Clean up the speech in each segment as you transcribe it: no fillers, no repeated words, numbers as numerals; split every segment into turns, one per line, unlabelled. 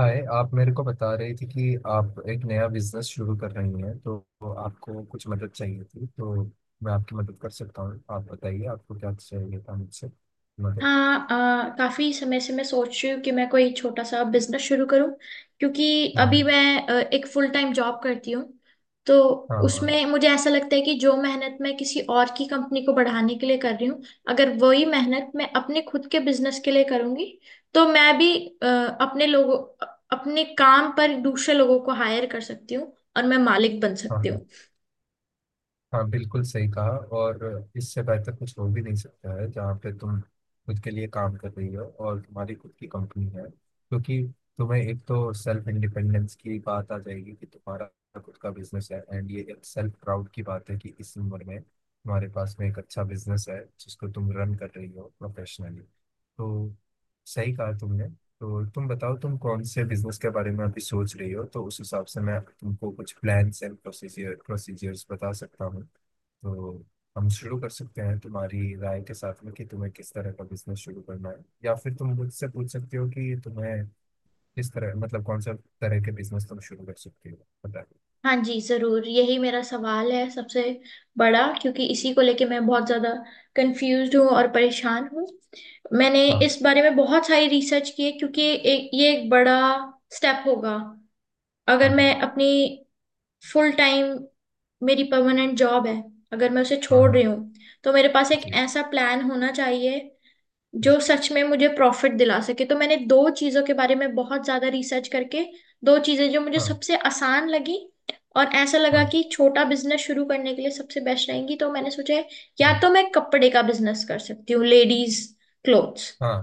हाय, आप मेरे को बता रही थी कि आप एक नया बिजनेस शुरू कर रही हैं तो आपको कुछ मदद चाहिए थी, तो मैं आपकी मदद कर सकता हूँ। आप बताइए आपको क्या चाहिए था मुझसे। मदद।
हाँ। काफी समय से मैं सोच रही हूँ कि मैं कोई छोटा सा बिजनेस शुरू करूँ क्योंकि
हाँ।
अभी मैं एक फुल टाइम जॉब करती हूँ। तो
हाँ। हाँ।
उसमें मुझे ऐसा लगता है कि जो मेहनत मैं किसी और की कंपनी को बढ़ाने के लिए कर रही हूँ, अगर वही मेहनत मैं अपने खुद के बिजनेस के लिए करूँगी तो मैं भी अ, अपने लोगों, अपने काम पर दूसरे लोगों को हायर कर सकती हूँ और मैं मालिक बन सकती
हाँ।
हूँ।
हाँ बिल्कुल सही कहा। और इससे बेहतर कुछ हो भी नहीं सकता है जहाँ पे तुम खुद के लिए काम कर रही हो और तुम्हारी खुद की कंपनी है, क्योंकि तुम्हें एक तो सेल्फ इंडिपेंडेंस की बात आ जाएगी कि तुम्हारा खुद का बिजनेस है, एंड ये एक सेल्फ प्राउड की बात है कि इस उम्र में तुम्हारे पास में एक अच्छा बिजनेस है जिसको तुम रन कर रही हो प्रोफेशनली। तो सही कहा तुमने। तो तुम बताओ तुम कौन से बिजनेस के बारे में अभी सोच रही हो, तो उस हिसाब से मैं तुमको कुछ प्लान्स एंड प्रोसीजर्स बता सकता हूँ। तो हम शुरू कर सकते हैं तुम्हारी राय के साथ में कि तुम्हें किस तरह का बिजनेस शुरू करना है, या फिर तुम मुझसे पूछ सकते हो कि तुम्हें किस तरह, मतलब कौन सा तरह के बिजनेस तुम शुरू कर सकते हो। बताइए।
हाँ जी, जरूर, यही मेरा सवाल है सबसे बड़ा, क्योंकि इसी को लेके मैं बहुत ज्यादा कंफ्यूज्ड हूँ और परेशान हूँ। मैंने
हाँ।
इस बारे में बहुत सारी रिसर्च की है क्योंकि एक ये एक बड़ा स्टेप होगा।
हाँ।
अगर
हाँ।
मैं अपनी फुल टाइम मेरी परमानेंट जॉब है, अगर मैं उसे
हाँ।
छोड़
हाँ
रही हूँ तो मेरे पास एक
जी।
ऐसा प्लान होना चाहिए जो
जी,
सच में मुझे प्रॉफिट दिला सके। तो मैंने दो चीजों के बारे में बहुत ज्यादा रिसर्च करके, दो चीजें जो मुझे
हाँ।
सबसे आसान लगी और ऐसा लगा
हाँ।
कि छोटा बिजनेस शुरू करने के लिए सबसे बेस्ट रहेंगी, तो मैंने सोचा है, या
हाँ।
तो मैं कपड़े का बिजनेस कर सकती हूँ, लेडीज क्लोथ्स,
हाँ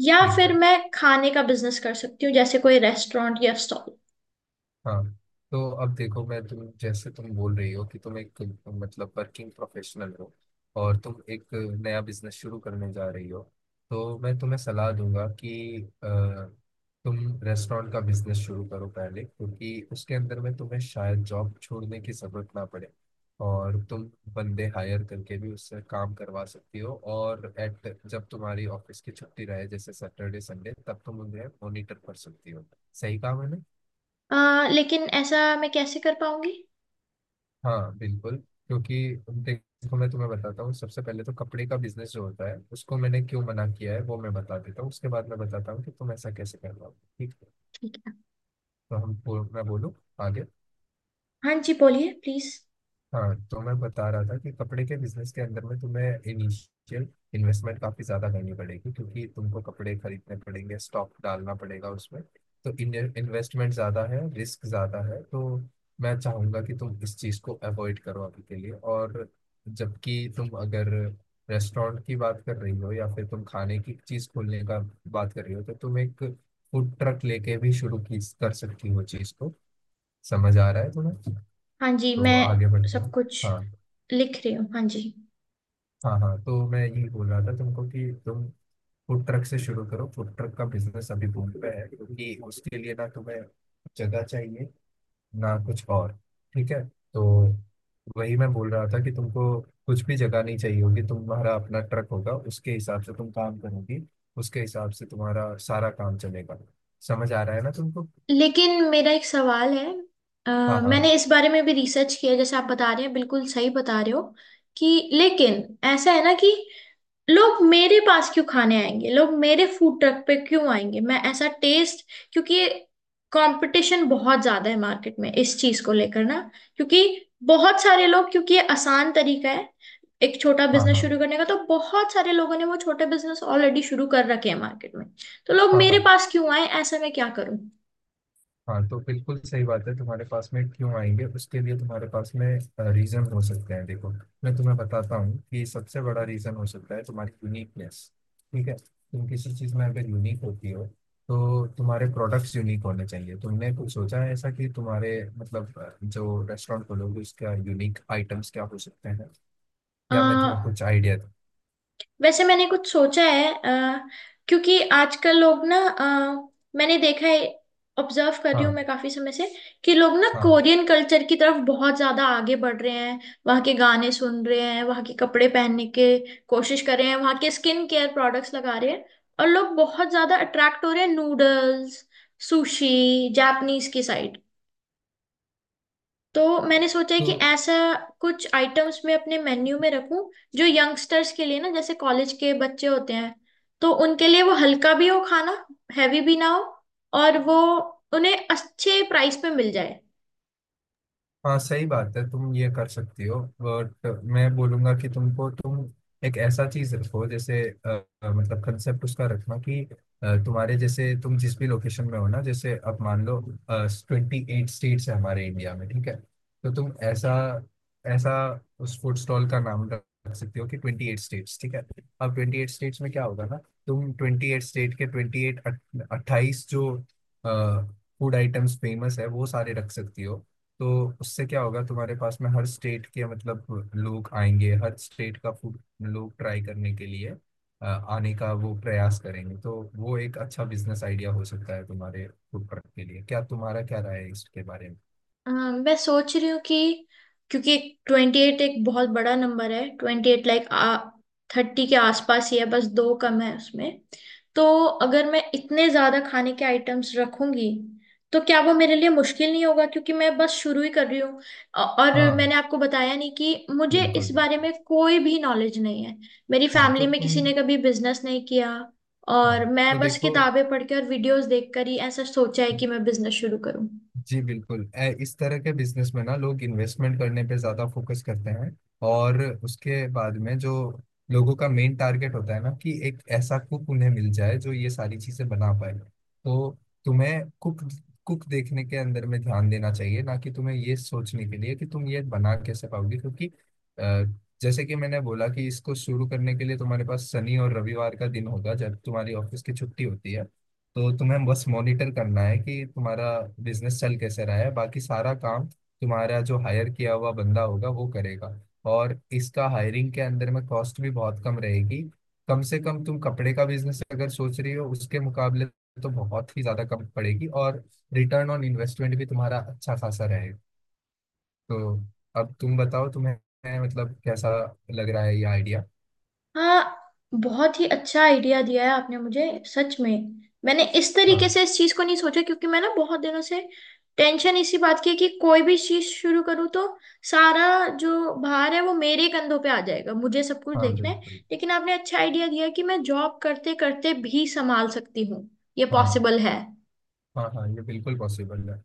या
ठीक
फिर
है।
मैं खाने का बिजनेस कर सकती हूँ जैसे कोई रेस्टोरेंट या स्टॉल।
हाँ, तो अब देखो, मैं तुम जैसे तुम बोल रही हो कि तुम एक, मतलब वर्किंग प्रोफेशनल हो, और तुम एक नया बिजनेस शुरू करने जा रही हो, तो मैं तुम्हें सलाह दूंगा कि तुम रेस्टोरेंट का बिजनेस शुरू करो पहले, क्योंकि उसके अंदर में तुम्हें शायद जॉब छोड़ने की जरूरत ना पड़े। और तुम बंदे हायर करके भी उससे काम करवा सकती हो, और एट जब तुम्हारी ऑफिस की छुट्टी रहे जैसे सैटरडे संडे, तब तुम उन्हें मॉनिटर कर सकती हो। सही काम है ना।
लेकिन ऐसा मैं कैसे कर पाऊंगी?
हाँ बिल्कुल। क्योंकि देखो, मैं तुम्हें बताता हूँ, सबसे पहले तो कपड़े का बिजनेस जो होता है उसको मैंने क्यों मना किया है वो मैं बता देता हूँ, उसके बाद मैं बताता हूँ कि तुम ऐसा कैसे कर रहा हो। ठीक है।
ठीक है।
तो हम मैं बोलूँ आगे।
हाँ जी, बोलिए प्लीज।
हाँ, तो मैं बता रहा था कि कपड़े के बिजनेस के अंदर में तुम्हें इनिशियल इन्वेस्टमेंट काफी ज्यादा करनी पड़ेगी, क्योंकि तुमको कपड़े खरीदने पड़ेंगे, स्टॉक डालना पड़ेगा उसमें। तो इन्वेस्टमेंट ज्यादा है, रिस्क ज्यादा है। तो मैं चाहूंगा कि तुम इस चीज को अवॉइड करो अभी के लिए, और जबकि तुम अगर रेस्टोरेंट की बात कर रही हो या फिर तुम खाने की चीज खोलने का बात कर रही हो, तो तुम एक फूड ट्रक लेके भी शुरू की कर सकती हो चीज को। समझ आ रहा है तुम्हें।
हाँ जी,
तो
मैं
आगे बढ़ता
सब
हूँ।
कुछ
हाँ।
लिख रही हूँ, हाँ जी।
हाँ। हाँ, तो मैं ये बोल रहा था तुमको कि तुम फूड ट्रक से शुरू करो। फूड ट्रक का बिजनेस अभी बूम पे है, क्योंकि उसके लिए ना तुम्हें जगह चाहिए ना कुछ और। ठीक है। तो वही मैं बोल रहा था कि तुमको कुछ भी जगह नहीं चाहिए होगी, तुम्हारा अपना ट्रक होगा, उसके हिसाब से तुम काम करोगी, उसके हिसाब से तुम्हारा सारा काम चलेगा। समझ आ रहा है ना तुमको।
लेकिन मेरा एक सवाल है। अ,
हाँ।
मैंने
हाँ।
इस बारे में भी रिसर्च किया, जैसे आप बता रहे हैं, बिल्कुल सही बता रहे हो कि, लेकिन ऐसा है ना, कि लोग मेरे पास क्यों खाने आएंगे, लोग मेरे फूड ट्रक पे क्यों आएंगे, मैं ऐसा टेस्ट, क्योंकि कंपटीशन बहुत ज्यादा है मार्केट में इस चीज को लेकर ना। क्योंकि बहुत सारे लोग, क्योंकि ये आसान तरीका है एक छोटा
हाँ।
बिजनेस
हाँ।
शुरू करने का, तो बहुत सारे लोगों ने वो छोटे बिजनेस ऑलरेडी शुरू कर रखे हैं मार्केट में। तो लोग
हाँ।
मेरे
हाँ।
पास क्यों आए, ऐसा मैं क्या करूं?
हाँ, तो बिल्कुल सही बात है, तुम्हारे पास में क्यों आएंगे, उसके लिए तुम्हारे पास में रीजन हो सकते हैं। देखो, मैं तुम्हें बताता हूँ कि सबसे बड़ा रीजन हो सकता है तुम्हारी यूनिकनेस। ठीक है, तुम किसी चीज में अगर यूनिक होती हो तो तुम्हारे प्रोडक्ट्स यूनिक होने चाहिए। तुमने कुछ सोचा है ऐसा कि तुम्हारे, मतलब जो रेस्टोरेंट खोलोगे उसका यूनिक आइटम्स क्या हो सकते हैं,
अ,
या मैं तुम्हें कुछ आइडिया दूँ।
वैसे मैंने कुछ सोचा है, क्योंकि आजकल लोग ना, मैंने देखा है, ऑब्जर्व कर रही हूँ
हाँ।
मैं काफी समय से, कि लोग ना
हाँ
कोरियन कल्चर की तरफ बहुत ज्यादा आगे बढ़ रहे हैं। वहाँ के गाने सुन रहे हैं, वहाँ के कपड़े पहनने के कोशिश कर रहे हैं, वहाँ के स्किन केयर प्रोडक्ट्स लगा रहे हैं, और लोग बहुत ज्यादा अट्रैक्ट हो रहे हैं, नूडल्स, सुशी, जापानीज की साइड। तो मैंने सोचा है
तो,
कि ऐसा कुछ आइटम्स मैं अपने मेन्यू में रखूं जो यंगस्टर्स के लिए ना, जैसे कॉलेज के बच्चे होते हैं, तो उनके लिए वो हल्का भी हो खाना, हैवी भी ना हो, और वो उन्हें अच्छे प्राइस पे मिल जाए।
हाँ सही बात है, तुम ये कर सकती हो, बट मैं बोलूंगा कि तुमको तुम एक ऐसा चीज रखो जैसे मतलब कंसेप्ट उसका रखना कि तुम्हारे जैसे तुम जिस भी लोकेशन में हो ना, जैसे अब मान लो 28 स्टेट्स है हमारे इंडिया में। ठीक है। तो तुम ऐसा ऐसा उस फूड स्टॉल का नाम रख सकती हो कि 28 स्टेट्स। ठीक है। अब 28 स्टेट्स में क्या होगा ना, तुम 28 स्टेट के 28 28 जो फूड आइटम्स फेमस है वो सारे रख सकती हो। तो उससे क्या होगा, तुम्हारे पास में हर स्टेट के, मतलब लोग आएंगे, हर स्टेट का फूड लोग ट्राई करने के लिए, आने का वो प्रयास करेंगे। तो वो एक अच्छा बिजनेस आइडिया हो सकता है तुम्हारे फूड ट्रक के लिए। क्या तुम्हारा, क्या राय है इसके बारे में।
मैं सोच रही हूँ कि क्योंकि 28 एक बहुत बड़ा नंबर है, 28 लाइक आ 30 के आसपास ही है, बस दो कम है उसमें। तो अगर मैं इतने ज्यादा खाने के आइटम्स रखूंगी तो क्या वो मेरे लिए मुश्किल नहीं होगा, क्योंकि मैं बस शुरू ही कर रही हूँ। और
हाँ
मैंने आपको बताया नहीं कि मुझे
बिल्कुल
इस बारे
बिल्कुल।
में कोई भी नॉलेज नहीं है। मेरी
हाँ तो
फैमिली में
तुम
किसी ने कभी बिजनेस नहीं किया,
हाँ
और मैं
तो
बस
देखो
किताबें पढ़ के और वीडियोस देखकर ही ऐसा सोचा है कि मैं बिजनेस शुरू करूँ।
जी, बिल्कुल इस तरह के बिजनेस में ना लोग इन्वेस्टमेंट करने पे ज्यादा फोकस करते हैं, और उसके बाद में जो लोगों का मेन टारगेट होता है ना, कि एक ऐसा कुक उन्हें मिल जाए जो ये सारी चीजें बना पाए। तो तुम्हें कुक कुक देखने के अंदर में ध्यान देना चाहिए ना, कि तुम्हें ये सोचने के लिए कि तुम ये बना कैसे पाओगे, क्योंकि अ, जैसे कि मैंने बोला कि इसको शुरू करने के लिए तुम्हारे पास शनि और रविवार का दिन होगा जब तुम्हारी ऑफिस की छुट्टी होती है। तो तुम्हें बस मॉनिटर करना है कि तुम्हारा बिजनेस चल कैसे रहा है, बाकी सारा काम तुम्हारा जो हायर किया हुआ बंदा होगा वो करेगा। और इसका हायरिंग के अंदर में कॉस्ट भी बहुत कम रहेगी, कम से कम तुम कपड़े का बिजनेस अगर सोच रही हो उसके मुकाबले तो बहुत ही ज्यादा कम पड़ेगी। और रिटर्न ऑन इन्वेस्टमेंट भी तुम्हारा अच्छा खासा रहेगा। तो अब तुम बताओ तुम्हें, मतलब कैसा लग रहा है ये आइडिया।
हाँ, बहुत ही अच्छा आइडिया दिया है आपने मुझे, सच में। मैंने इस तरीके
हाँ।
से इस चीज को नहीं सोचा, क्योंकि मैं ना बहुत दिनों से टेंशन इसी बात की है कि कोई भी चीज शुरू करूँ तो सारा जो भार है वो मेरे कंधों पे आ जाएगा, मुझे सब कुछ
हाँ
देखना है।
बिल्कुल।
लेकिन आपने अच्छा आइडिया दिया है कि मैं जॉब करते करते भी संभाल सकती हूँ, ये
हाँ।
पॉसिबल है।
हाँ। हाँ ये बिल्कुल पॉसिबल है।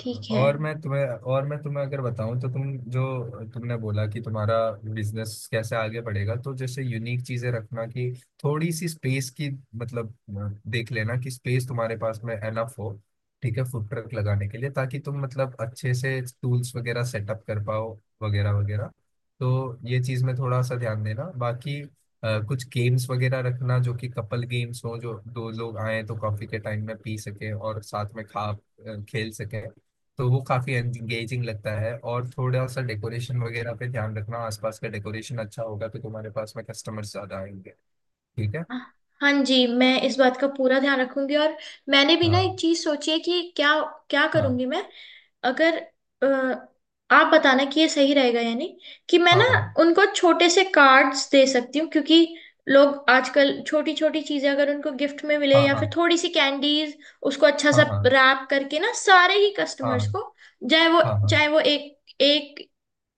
ठीक है।
और मैं तुम्हें अगर बताऊं तो तुम जो, तुमने बोला कि तुम्हारा बिजनेस कैसे आगे बढ़ेगा, तो जैसे यूनिक चीजें रखना, कि थोड़ी सी स्पेस की, मतलब देख लेना कि स्पेस तुम्हारे पास में एनफ हो। ठीक है, फूड ट्रक लगाने के लिए, ताकि तुम मतलब अच्छे से टूल्स वगैरह सेटअप कर पाओ, वगैरह वगैरह। तो ये चीज में थोड़ा सा ध्यान देना, बाकी कुछ गेम्स वगैरह रखना, जो कि कपल गेम्स हो, जो दो लोग आए तो कॉफी के टाइम में पी सके और साथ में खेल सके। तो वो काफी एंगेजिंग लगता है। और थोड़ा सा डेकोरेशन वगैरह पे ध्यान रखना, आसपास का डेकोरेशन अच्छा होगा तो तुम्हारे पास में कस्टमर्स ज्यादा आएंगे। ठीक है।
हाँ जी, मैं इस बात का पूरा ध्यान रखूंगी, और मैंने भी ना एक
हाँ।
चीज सोची है कि क्या क्या
हाँ।
करूंगी मैं अगर, अ, आप बताना कि ये सही रहेगा या नहीं, कि मैं
हाँ।
ना
हाँ।
उनको छोटे से कार्ड्स दे सकती हूँ, क्योंकि लोग आजकल छोटी छोटी चीजें अगर उनको गिफ्ट में मिले, या फिर
हाँ।
थोड़ी सी कैंडीज, उसको अच्छा
हाँ।
सा
हाँ।
रैप करके ना, सारे ही कस्टमर्स
हाँ।
को, चाहे वो
हाँ। हाँ।
चाहे वो एक एक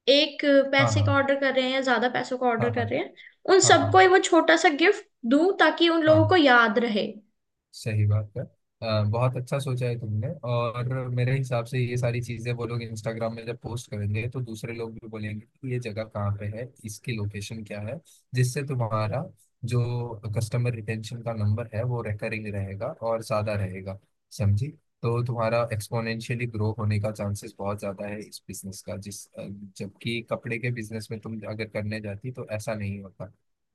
एक
हाँ।
पैसे का
हाँ।
ऑर्डर कर रहे हैं या ज्यादा पैसों का
हाँ।
ऑर्डर
हाँ।
कर रहे हैं, उन
हाँ। हाँ।
सबको ही
हाँ।
वो छोटा सा गिफ्ट दूं ताकि उन
हाँ
लोगों को याद रहे।
सही बात है। बहुत अच्छा सोचा है तुमने। और मेरे हिसाब से ये सारी चीजें वो लोग इंस्टाग्राम में जब पोस्ट करेंगे तो दूसरे लोग भी बोलेंगे कि ये जगह कहाँ पे है, इसकी लोकेशन क्या है, जिससे तुम्हारा जो कस्टमर रिटेंशन का नंबर है वो रिकरिंग रहेगा और ज्यादा रहेगा। समझी। तो तुम्हारा एक्सपोनेंशियली ग्रो होने का चांसेस बहुत ज्यादा है इस बिजनेस का, जिस जबकि कपड़े के बिजनेस में तुम अगर करने जाती तो ऐसा नहीं होता।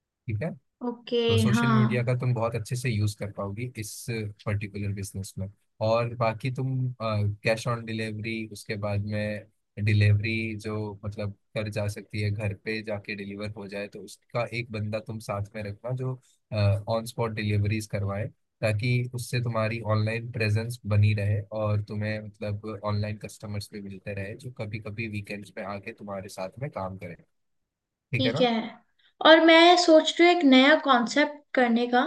ठीक है।
ओके।
तो सोशल
हाँ।
मीडिया का तुम बहुत अच्छे से यूज कर पाओगी इस पर्टिकुलर बिजनेस में। और बाकी तुम कैश ऑन डिलीवरी उसके बाद में, डिलीवरी जो मतलब कर जा सकती है, घर पे जाके डिलीवर हो जाए, तो उसका एक बंदा तुम साथ में रखना जो ऑन स्पॉट डिलीवरीज करवाए, ताकि उससे तुम्हारी ऑनलाइन प्रेजेंस बनी रहे और तुम्हें मतलब ऑनलाइन कस्टमर्स भी मिलते रहे जो कभी कभी वीकेंड्स पे आके तुम्हारे साथ में काम करें। ठीक है
ठीक
ना।
है। और मैं सोच रही हूँ एक नया कॉन्सेप्ट करने का,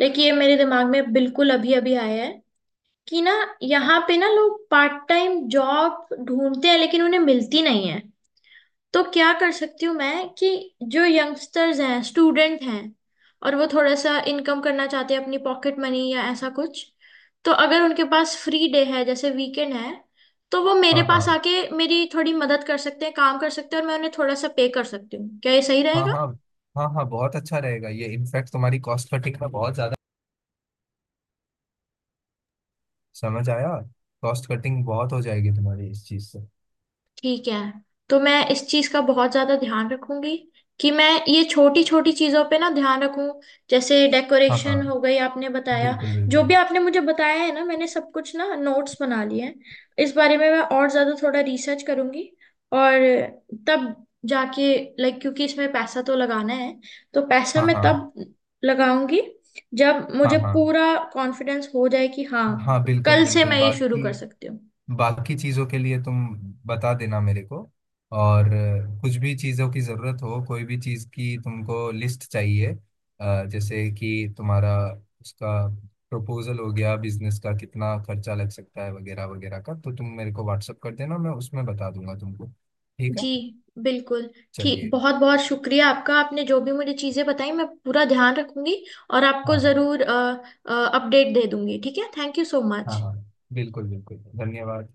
लेकिन ये मेरे दिमाग में बिल्कुल अभी अभी आया है, कि ना, यहाँ पे ना लोग पार्ट टाइम जॉब ढूंढते हैं लेकिन उन्हें मिलती नहीं है। तो क्या कर सकती हूँ मैं, कि जो यंगस्टर्स हैं, स्टूडेंट हैं, और वो थोड़ा सा इनकम करना चाहते हैं, अपनी पॉकेट मनी या ऐसा कुछ, तो अगर उनके पास फ्री डे है जैसे वीकेंड है, तो वो मेरे
हाँ।
पास
हाँ।
आके मेरी थोड़ी मदद कर सकते हैं, काम कर सकते हैं, और मैं उन्हें थोड़ा सा पे कर सकती हूँ, क्या ये सही
हाँ।
रहेगा?
हाँ। हाँ। हाँ बहुत अच्छा रहेगा ये, इनफैक्ट तुम्हारी कॉस्ट कटिंग में बहुत ज्यादा, समझ आया, कॉस्ट कटिंग बहुत हो जाएगी तुम्हारी इस चीज से।
ठीक है। तो मैं इस चीज का बहुत ज्यादा ध्यान रखूंगी कि मैं ये छोटी छोटी चीजों पे ना ध्यान रखूं, जैसे
हाँ।
डेकोरेशन
हाँ
हो गई, आपने बताया।
बिल्कुल
जो
बिल्कुल।
भी आपने मुझे बताया है ना, मैंने सब कुछ ना नोट्स बना लिए हैं। इस बारे में मैं और ज्यादा थोड़ा रिसर्च करूंगी, और तब जाके, लाइक, क्योंकि इसमें पैसा तो लगाना है, तो पैसा
हाँ।
मैं
हाँ।
तब लगाऊंगी जब
हाँ।
मुझे
हाँ।
पूरा कॉन्फिडेंस हो जाए कि हाँ,
हाँ बिल्कुल
कल से
बिल्कुल।
मैं ये शुरू
बाकी
कर सकती हूँ।
बाकी चीज़ों के लिए तुम बता देना मेरे को। और कुछ भी चीज़ों की ज़रूरत हो, कोई भी चीज़ की तुमको लिस्ट चाहिए, जैसे कि तुम्हारा उसका प्रपोजल हो गया बिजनेस का, कितना खर्चा लग सकता है वगैरह वगैरह का, तो तुम मेरे को व्हाट्सअप कर देना मैं उसमें बता दूंगा तुमको। ठीक है।
जी, बिल्कुल। ठीक,
चलिए।
बहुत बहुत शुक्रिया आपका, आपने जो भी मुझे चीज़ें बताई मैं पूरा ध्यान रखूंगी, और आपको
हाँ। हाँ।
ज़रूर अपडेट दे दूंगी, ठीक है, थैंक यू सो
हाँ।
मच।
हाँ बिल्कुल बिल्कुल। धन्यवाद।